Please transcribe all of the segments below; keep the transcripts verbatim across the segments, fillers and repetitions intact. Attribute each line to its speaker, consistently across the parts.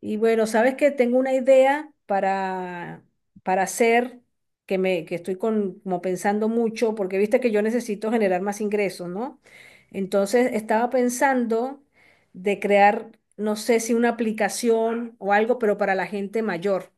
Speaker 1: Y bueno, sabes que tengo una idea para, para hacer, que me, que estoy con- como pensando mucho, porque viste que yo necesito generar más ingresos, ¿no? Entonces estaba pensando de crear, no sé si una aplicación o algo, pero para la gente mayor.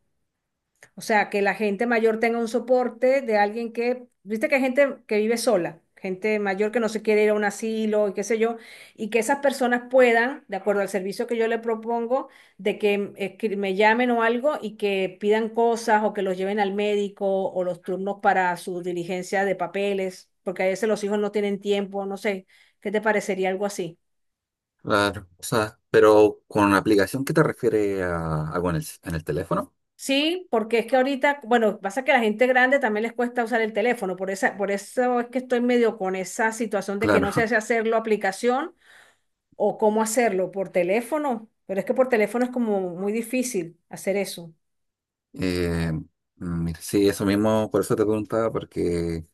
Speaker 1: O sea, que la gente mayor tenga un soporte de alguien que, viste que hay gente que vive sola, gente mayor que no se quiere ir a un asilo y qué sé yo, y que esas personas puedan, de acuerdo al servicio que yo le propongo, de que eh, que me llamen o algo y que pidan cosas o que los lleven al médico o los turnos para su diligencia de papeles, porque a veces los hijos no tienen tiempo, no sé, ¿qué te parecería algo así?
Speaker 2: Claro, o sea, pero con una aplicación, ¿qué te refiere a algo en el, en el teléfono?
Speaker 1: Sí, porque es que ahorita, bueno, pasa que a la gente grande también les cuesta usar el teléfono, por esa, por eso es que estoy medio con esa situación de que no sé
Speaker 2: Claro.
Speaker 1: si hacerlo aplicación o cómo hacerlo por teléfono, pero es que por teléfono es como muy difícil hacer eso.
Speaker 2: eh, Mira, sí, eso mismo, por eso te preguntaba, porque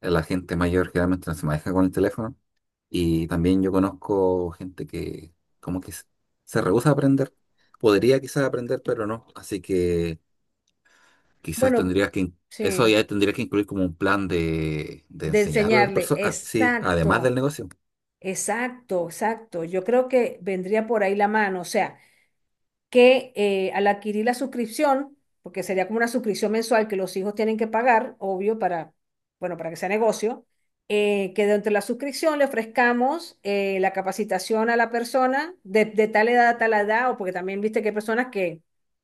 Speaker 2: la gente mayor generalmente no se maneja con el teléfono, y también yo conozco gente que como que se se rehúsa a aprender. Podría quizás aprender, pero no, así que quizás
Speaker 1: Bueno,
Speaker 2: tendrías que, in- eso
Speaker 1: sí,
Speaker 2: ya tendría que incluir como un plan de, de
Speaker 1: de
Speaker 2: enseñarle a las
Speaker 1: enseñarle,
Speaker 2: personas, ah, sí, además
Speaker 1: exacto,
Speaker 2: del negocio.
Speaker 1: exacto, exacto. Yo creo que vendría por ahí la mano, o sea. Que eh, al adquirir la suscripción, porque sería como una suscripción mensual que los hijos tienen que pagar, obvio, para, bueno, para que sea negocio, eh, que dentro de la suscripción le ofrezcamos eh, la capacitación a la persona de, de tal edad a tal edad, o porque también viste que hay personas que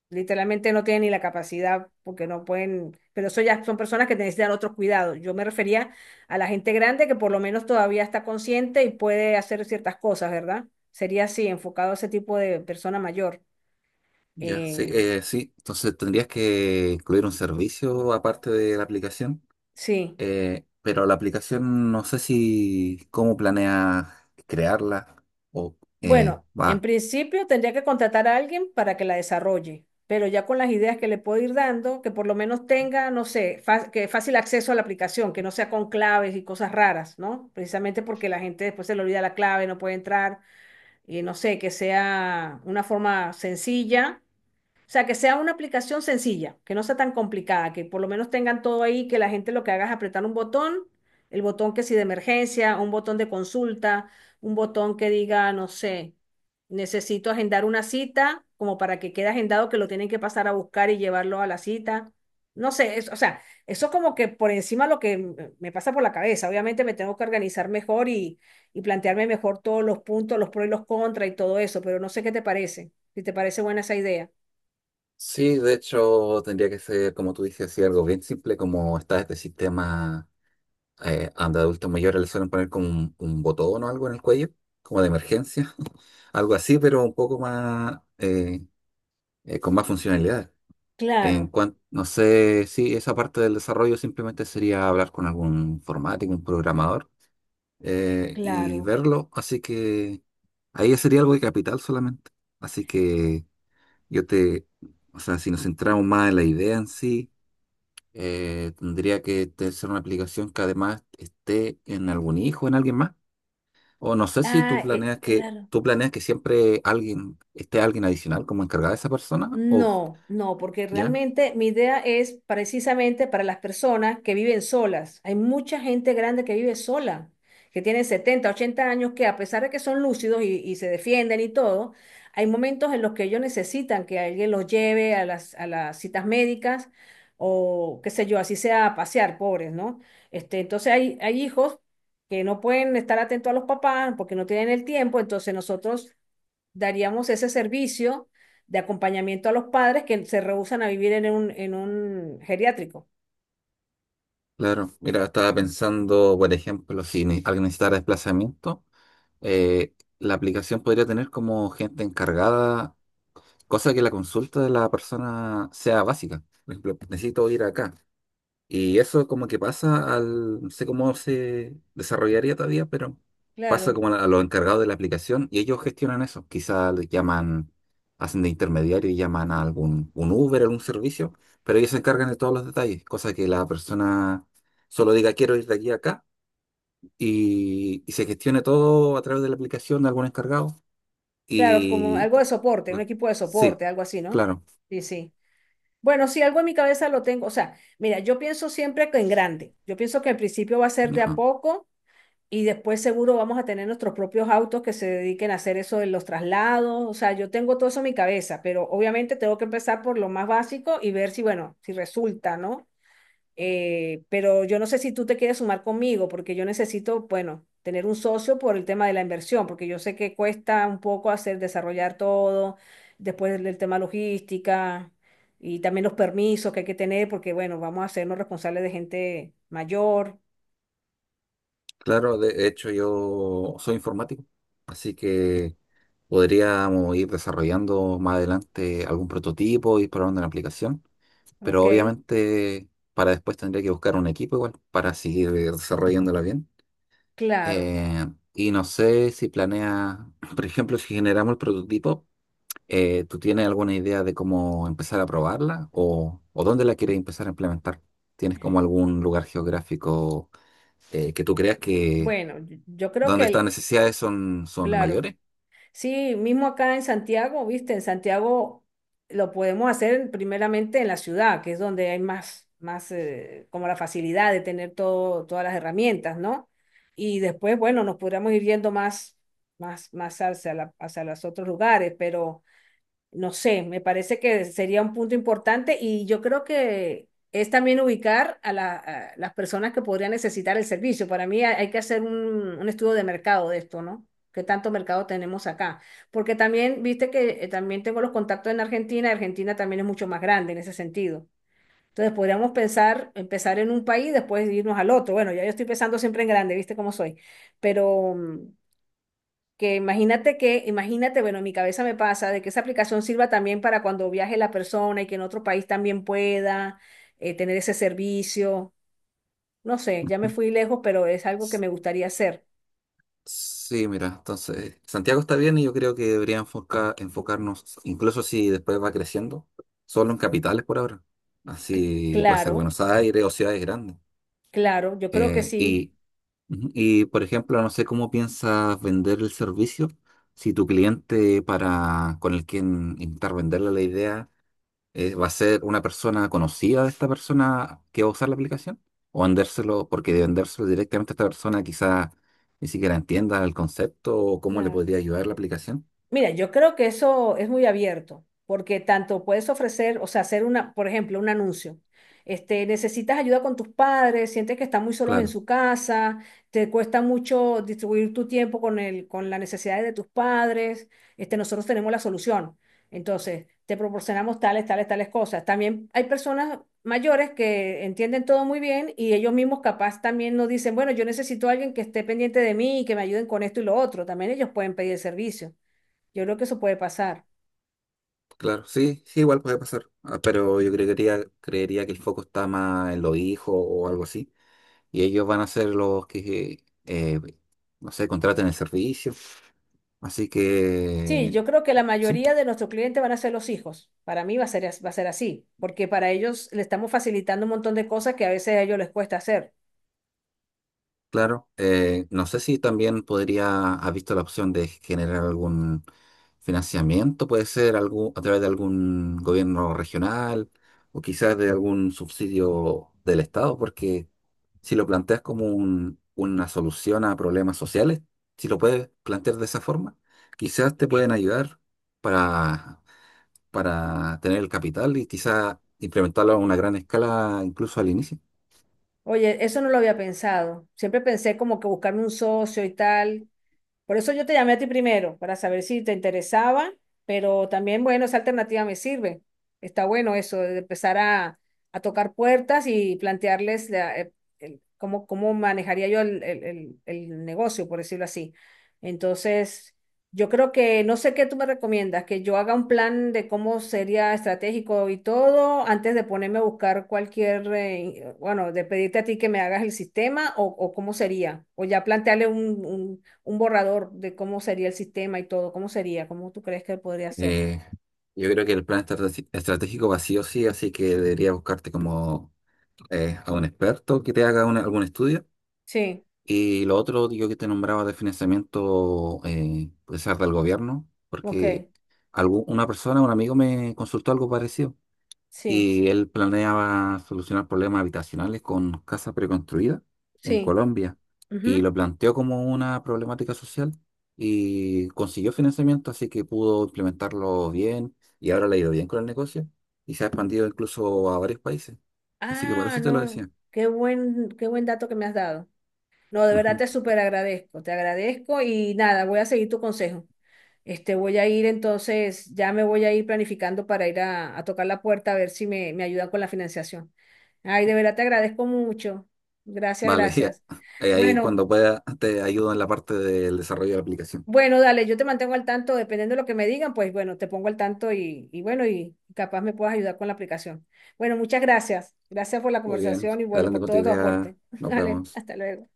Speaker 1: literalmente no tienen ni la capacidad porque no pueden, pero eso ya son personas que necesitan otros cuidados. Yo me refería a la gente grande que por lo menos todavía está consciente y puede hacer ciertas cosas, ¿verdad? Sería así, enfocado a ese tipo de persona mayor.
Speaker 2: Ya, sí,
Speaker 1: Eh,
Speaker 2: eh, sí. Entonces tendrías que incluir un servicio aparte de la aplicación,
Speaker 1: sí,
Speaker 2: eh, pero la aplicación no sé si cómo planeas crearla o eh,
Speaker 1: bueno, en
Speaker 2: va.
Speaker 1: principio tendría que contratar a alguien para que la desarrolle, pero ya con las ideas que le puedo ir dando, que por lo menos tenga, no sé, fa- que fácil acceso a la aplicación, que no sea con claves y cosas raras, ¿no? Precisamente porque la gente después se le olvida la clave, no puede entrar, y no sé, que sea una forma sencilla. O sea, que sea una aplicación sencilla, que no sea tan complicada, que por lo menos tengan todo ahí, que la gente lo que haga es apretar un botón, el botón que si de emergencia, un botón de consulta, un botón que diga, no sé, necesito agendar una cita, como para que quede agendado que lo tienen que pasar a buscar y llevarlo a la cita. No sé, es- o sea, eso es como que por encima lo que m- me pasa por la cabeza. Obviamente me tengo que organizar mejor y, y plantearme mejor todos los puntos, los pros y los contras y todo eso, pero no sé qué te parece, si te parece buena esa idea.
Speaker 2: Sí, de hecho tendría que ser, como tú dices, así algo bien simple, como está este sistema, eh, donde adultos mayores le suelen poner como un, un botón o algo en el cuello, como de emergencia, algo así, pero un poco más, eh, eh, con más funcionalidad.
Speaker 1: Claro,
Speaker 2: En cuanto, no sé si esa parte del desarrollo simplemente sería hablar con algún informático, un programador, eh, y
Speaker 1: claro.
Speaker 2: verlo. Así que ahí sería algo de capital solamente. Así que yo te, o sea, si nos centramos más en la idea en sí, eh, tendría que te- ser una aplicación que además esté en algún hijo, en alguien más. O no sé si tú
Speaker 1: Ah, eh,
Speaker 2: planeas que,
Speaker 1: claro.
Speaker 2: tú
Speaker 1: Sí.
Speaker 2: planeas que siempre alguien, esté alguien adicional como encargada de esa persona, o
Speaker 1: No, no, porque
Speaker 2: ya.
Speaker 1: realmente mi idea es precisamente para las personas que viven solas. Hay mucha gente grande que vive sola, que tiene setenta, ochenta años, que a pesar de que son lúcidos y, y se defienden y todo, hay momentos en los que ellos necesitan que alguien los lleve a las, a las citas médicas o qué sé yo, así sea a pasear, pobres, ¿no? Este, entonces hay, hay hijos que no pueden estar atentos a los papás porque no tienen el tiempo, entonces nosotros daríamos ese servicio de acompañamiento a los padres que se rehúsan a vivir en un, en un geriátrico.
Speaker 2: Claro, mira, estaba pensando, por ejemplo, si ne- alguien necesitara desplazamiento, eh, la aplicación podría tener como gente encargada, cosa que la consulta de la persona sea básica. Por ejemplo, necesito ir acá. Y eso como que pasa al, no sé cómo se desarrollaría todavía, pero pasa
Speaker 1: Claro,
Speaker 2: como a, a los encargados de la aplicación y ellos gestionan eso. Quizá le llaman, hacen de intermediario y llaman a algún un Uber, algún servicio, pero ellos se encargan de todos los detalles, cosa que la persona solo diga quiero ir de aquí a acá y, y se gestione todo a través de la aplicación de algún encargado.
Speaker 1: claro, como
Speaker 2: Y
Speaker 1: algo de soporte, un
Speaker 2: pues,
Speaker 1: equipo de
Speaker 2: sí,
Speaker 1: soporte, algo así, ¿no?
Speaker 2: claro.
Speaker 1: Sí, sí. Bueno, sí, algo en mi cabeza lo tengo. O sea, mira, yo pienso siempre que en grande. Yo pienso que al principio va a ser de a
Speaker 2: Ajá.
Speaker 1: poco y después seguro vamos a tener nuestros propios autos que se dediquen a hacer eso de los traslados. O sea, yo tengo todo eso en mi cabeza, pero obviamente tengo que empezar por lo más básico y ver si, bueno, si resulta, ¿no? Eh, pero yo no sé si tú te quieres sumar conmigo, porque yo necesito, bueno, tener un socio por el tema de la inversión, porque yo sé que cuesta un poco hacer desarrollar todo, después el tema logística y también los permisos que hay que tener, porque bueno, vamos a hacernos responsables de gente mayor,
Speaker 2: Claro, de hecho yo soy informático, así que... Podríamos ir desarrollando más adelante algún prototipo, ir probando la aplicación,
Speaker 1: ¿ok?
Speaker 2: pero obviamente para después tendría que buscar un equipo igual para seguir desarrollándola bien.
Speaker 1: Claro.
Speaker 2: Eh, y no sé si planea, por ejemplo, si generamos el prototipo, eh, ¿tú tienes alguna idea de cómo empezar a probarla o, o dónde la quieres empezar a implementar? ¿Tienes como algún lugar geográfico eh, que tú creas que
Speaker 1: Bueno, yo yo creo
Speaker 2: donde
Speaker 1: que
Speaker 2: estas
Speaker 1: el,
Speaker 2: necesidades son, son
Speaker 1: claro.
Speaker 2: mayores?
Speaker 1: Sí, mismo acá en Santiago, viste, en Santiago lo podemos hacer primeramente en la ciudad, que es donde hay más, más eh, como la facilidad de tener todo, todas las herramientas, ¿no? Y después, bueno, nos podríamos ir yendo más, más, más hacia la- hacia los otros lugares, pero... No sé, me parece que sería un punto importante y yo creo que es también ubicar a, la- a las personas que podrían necesitar el servicio. Para mí hay hay que hacer un, un estudio de mercado de esto, ¿no? ¿Qué tanto mercado tenemos acá? Porque también, viste que eh, también tengo los contactos en Argentina, Argentina también es mucho más grande en ese sentido. Entonces podríamos pensar, empezar en un país, después irnos al otro. Bueno, ya yo estoy pensando siempre en grande, viste cómo soy, pero... mm, que imagínate que, imagínate, bueno, en mi cabeza me pasa de que esa aplicación sirva también para cuando viaje la persona y que en otro país también pueda eh, tener ese servicio. No sé, ya me
Speaker 2: Ujú.
Speaker 1: fui lejos, pero es algo que me gustaría hacer.
Speaker 2: Sí, mira, entonces Santiago está bien y yo creo que debería enfoca- enfocarnos, incluso si después va creciendo, solo en capitales por ahora.
Speaker 1: Cl-
Speaker 2: Así puede ser
Speaker 1: claro,
Speaker 2: Buenos Aires o ciudades grandes.
Speaker 1: claro, yo creo que
Speaker 2: Eh,
Speaker 1: sí.
Speaker 2: y, ujú, y, por ejemplo, no sé cómo piensas vender el servicio. Si tu cliente para con el quien intentar venderle la idea, eh, ¿va a ser una persona conocida de esta persona que va a usar la aplicación? ¿O vendérselo, porque de vendérselo directamente a esta persona quizás ni siquiera entienda el concepto o cómo le
Speaker 1: Claro.
Speaker 2: podría ayudar la aplicación?
Speaker 1: Mira, yo creo que eso es muy abierto, porque tanto puedes ofrecer, o sea, hacer una, por ejemplo, un anuncio. Este, necesitas ayuda con tus padres, sientes que están muy solos en
Speaker 2: Claro,
Speaker 1: su casa, te cuesta mucho distribuir tu tiempo con el, con las necesidades de tus padres. Este, nosotros tenemos la solución. Entonces, te proporcionamos tales, tales, tales cosas. También hay personas mayores que entienden todo muy bien y ellos mismos capaz también nos dicen, bueno, yo necesito a alguien que esté pendiente de mí y que me ayuden con esto y lo otro. También ellos pueden pedir el servicio. Yo creo que eso puede pasar.
Speaker 2: claro, sí, sí, igual puede pasar. Ah, pero yo creería, creería que el foco está más en los hijos o algo así. Y ellos van a ser los que, eh, no sé, contraten el servicio. Así
Speaker 1: Sí,
Speaker 2: que,
Speaker 1: yo creo que la
Speaker 2: sí.
Speaker 1: mayoría de nuestros clientes van a ser los hijos. Para mí va a ser, as- va a ser así, porque para ellos le estamos facilitando un montón de cosas que a veces a ellos les cuesta hacer.
Speaker 2: Claro, eh, no sé si también podría, has visto la opción de generar algún financiamiento, puede ser algún, a través de algún gobierno regional o quizás de algún subsidio del Estado, porque si lo planteas como un- una solución a problemas sociales, si lo puedes plantear de esa forma, quizás te pueden ayudar para, para tener el capital y quizás implementarlo a una gran escala incluso al inicio.
Speaker 1: Oye, eso no lo había pensado. Siempre pensé como que buscarme un socio y tal, por eso yo te llamé a ti primero, para saber si te interesaba, pero también, bueno, esa alternativa me sirve. Está bueno eso, de empezar a, a tocar puertas y plantearles la- el- el- cómo, cómo manejaría yo el, el- el- el negocio, por decirlo así. Entonces, yo creo que, no sé qué tú me recomiendas, que yo haga un plan de cómo sería estratégico y todo antes de ponerme a buscar cualquier, eh, bueno, de pedirte a ti que me hagas el sistema o, o cómo sería, o ya plantearle un, un un borrador de cómo sería el sistema y todo, cómo sería, cómo tú crees que podría ser.
Speaker 2: Eh, yo creo que el plan estrate- estratégico va sí o sí, así que debería buscarte como eh, a un experto que te haga una- algún estudio.
Speaker 1: Sí,
Speaker 2: Y lo otro, yo que te nombraba de financiamiento, eh, puede ser del gobierno,
Speaker 1: ok,
Speaker 2: porque algú- una persona, un amigo me consultó algo parecido
Speaker 1: sí,
Speaker 2: y él planeaba solucionar problemas habitacionales con casas preconstruidas en
Speaker 1: sí.
Speaker 2: Colombia y
Speaker 1: Ujú.
Speaker 2: lo planteó como una problemática social y consiguió financiamiento, así que pudo implementarlo bien y ahora le ha ido bien con el negocio y se ha expandido incluso a varios países. Así que por
Speaker 1: Ah,
Speaker 2: eso te lo
Speaker 1: no,
Speaker 2: decía.
Speaker 1: qué buen, qué buen dato que me has dado. No, de verdad
Speaker 2: Ujú.
Speaker 1: te súper agradezco, te agradezco y nada, voy a seguir tu consejo. Este, voy a ir entonces, ya me voy a ir planificando para ir a, a tocar la puerta a ver si me, me ayudan con la financiación. Ay, de verdad te agradezco mucho. Gracias,
Speaker 2: Vale, y a-
Speaker 1: gracias.
Speaker 2: ahí
Speaker 1: Bueno.
Speaker 2: cuando pueda te ayudo en la parte del desarrollo de la aplicación.
Speaker 1: Bueno, dale, yo te mantengo al tanto, dependiendo de lo que me digan, pues bueno, te pongo al tanto y, y bueno, y capaz me puedas ayudar con la aplicación. Bueno, muchas gracias. Gracias por la
Speaker 2: Muy bien,
Speaker 1: conversación y bueno,
Speaker 2: adelante
Speaker 1: por
Speaker 2: con tu
Speaker 1: todo tu
Speaker 2: idea,
Speaker 1: aporte.
Speaker 2: nos
Speaker 1: Dale,
Speaker 2: vemos.
Speaker 1: hasta luego.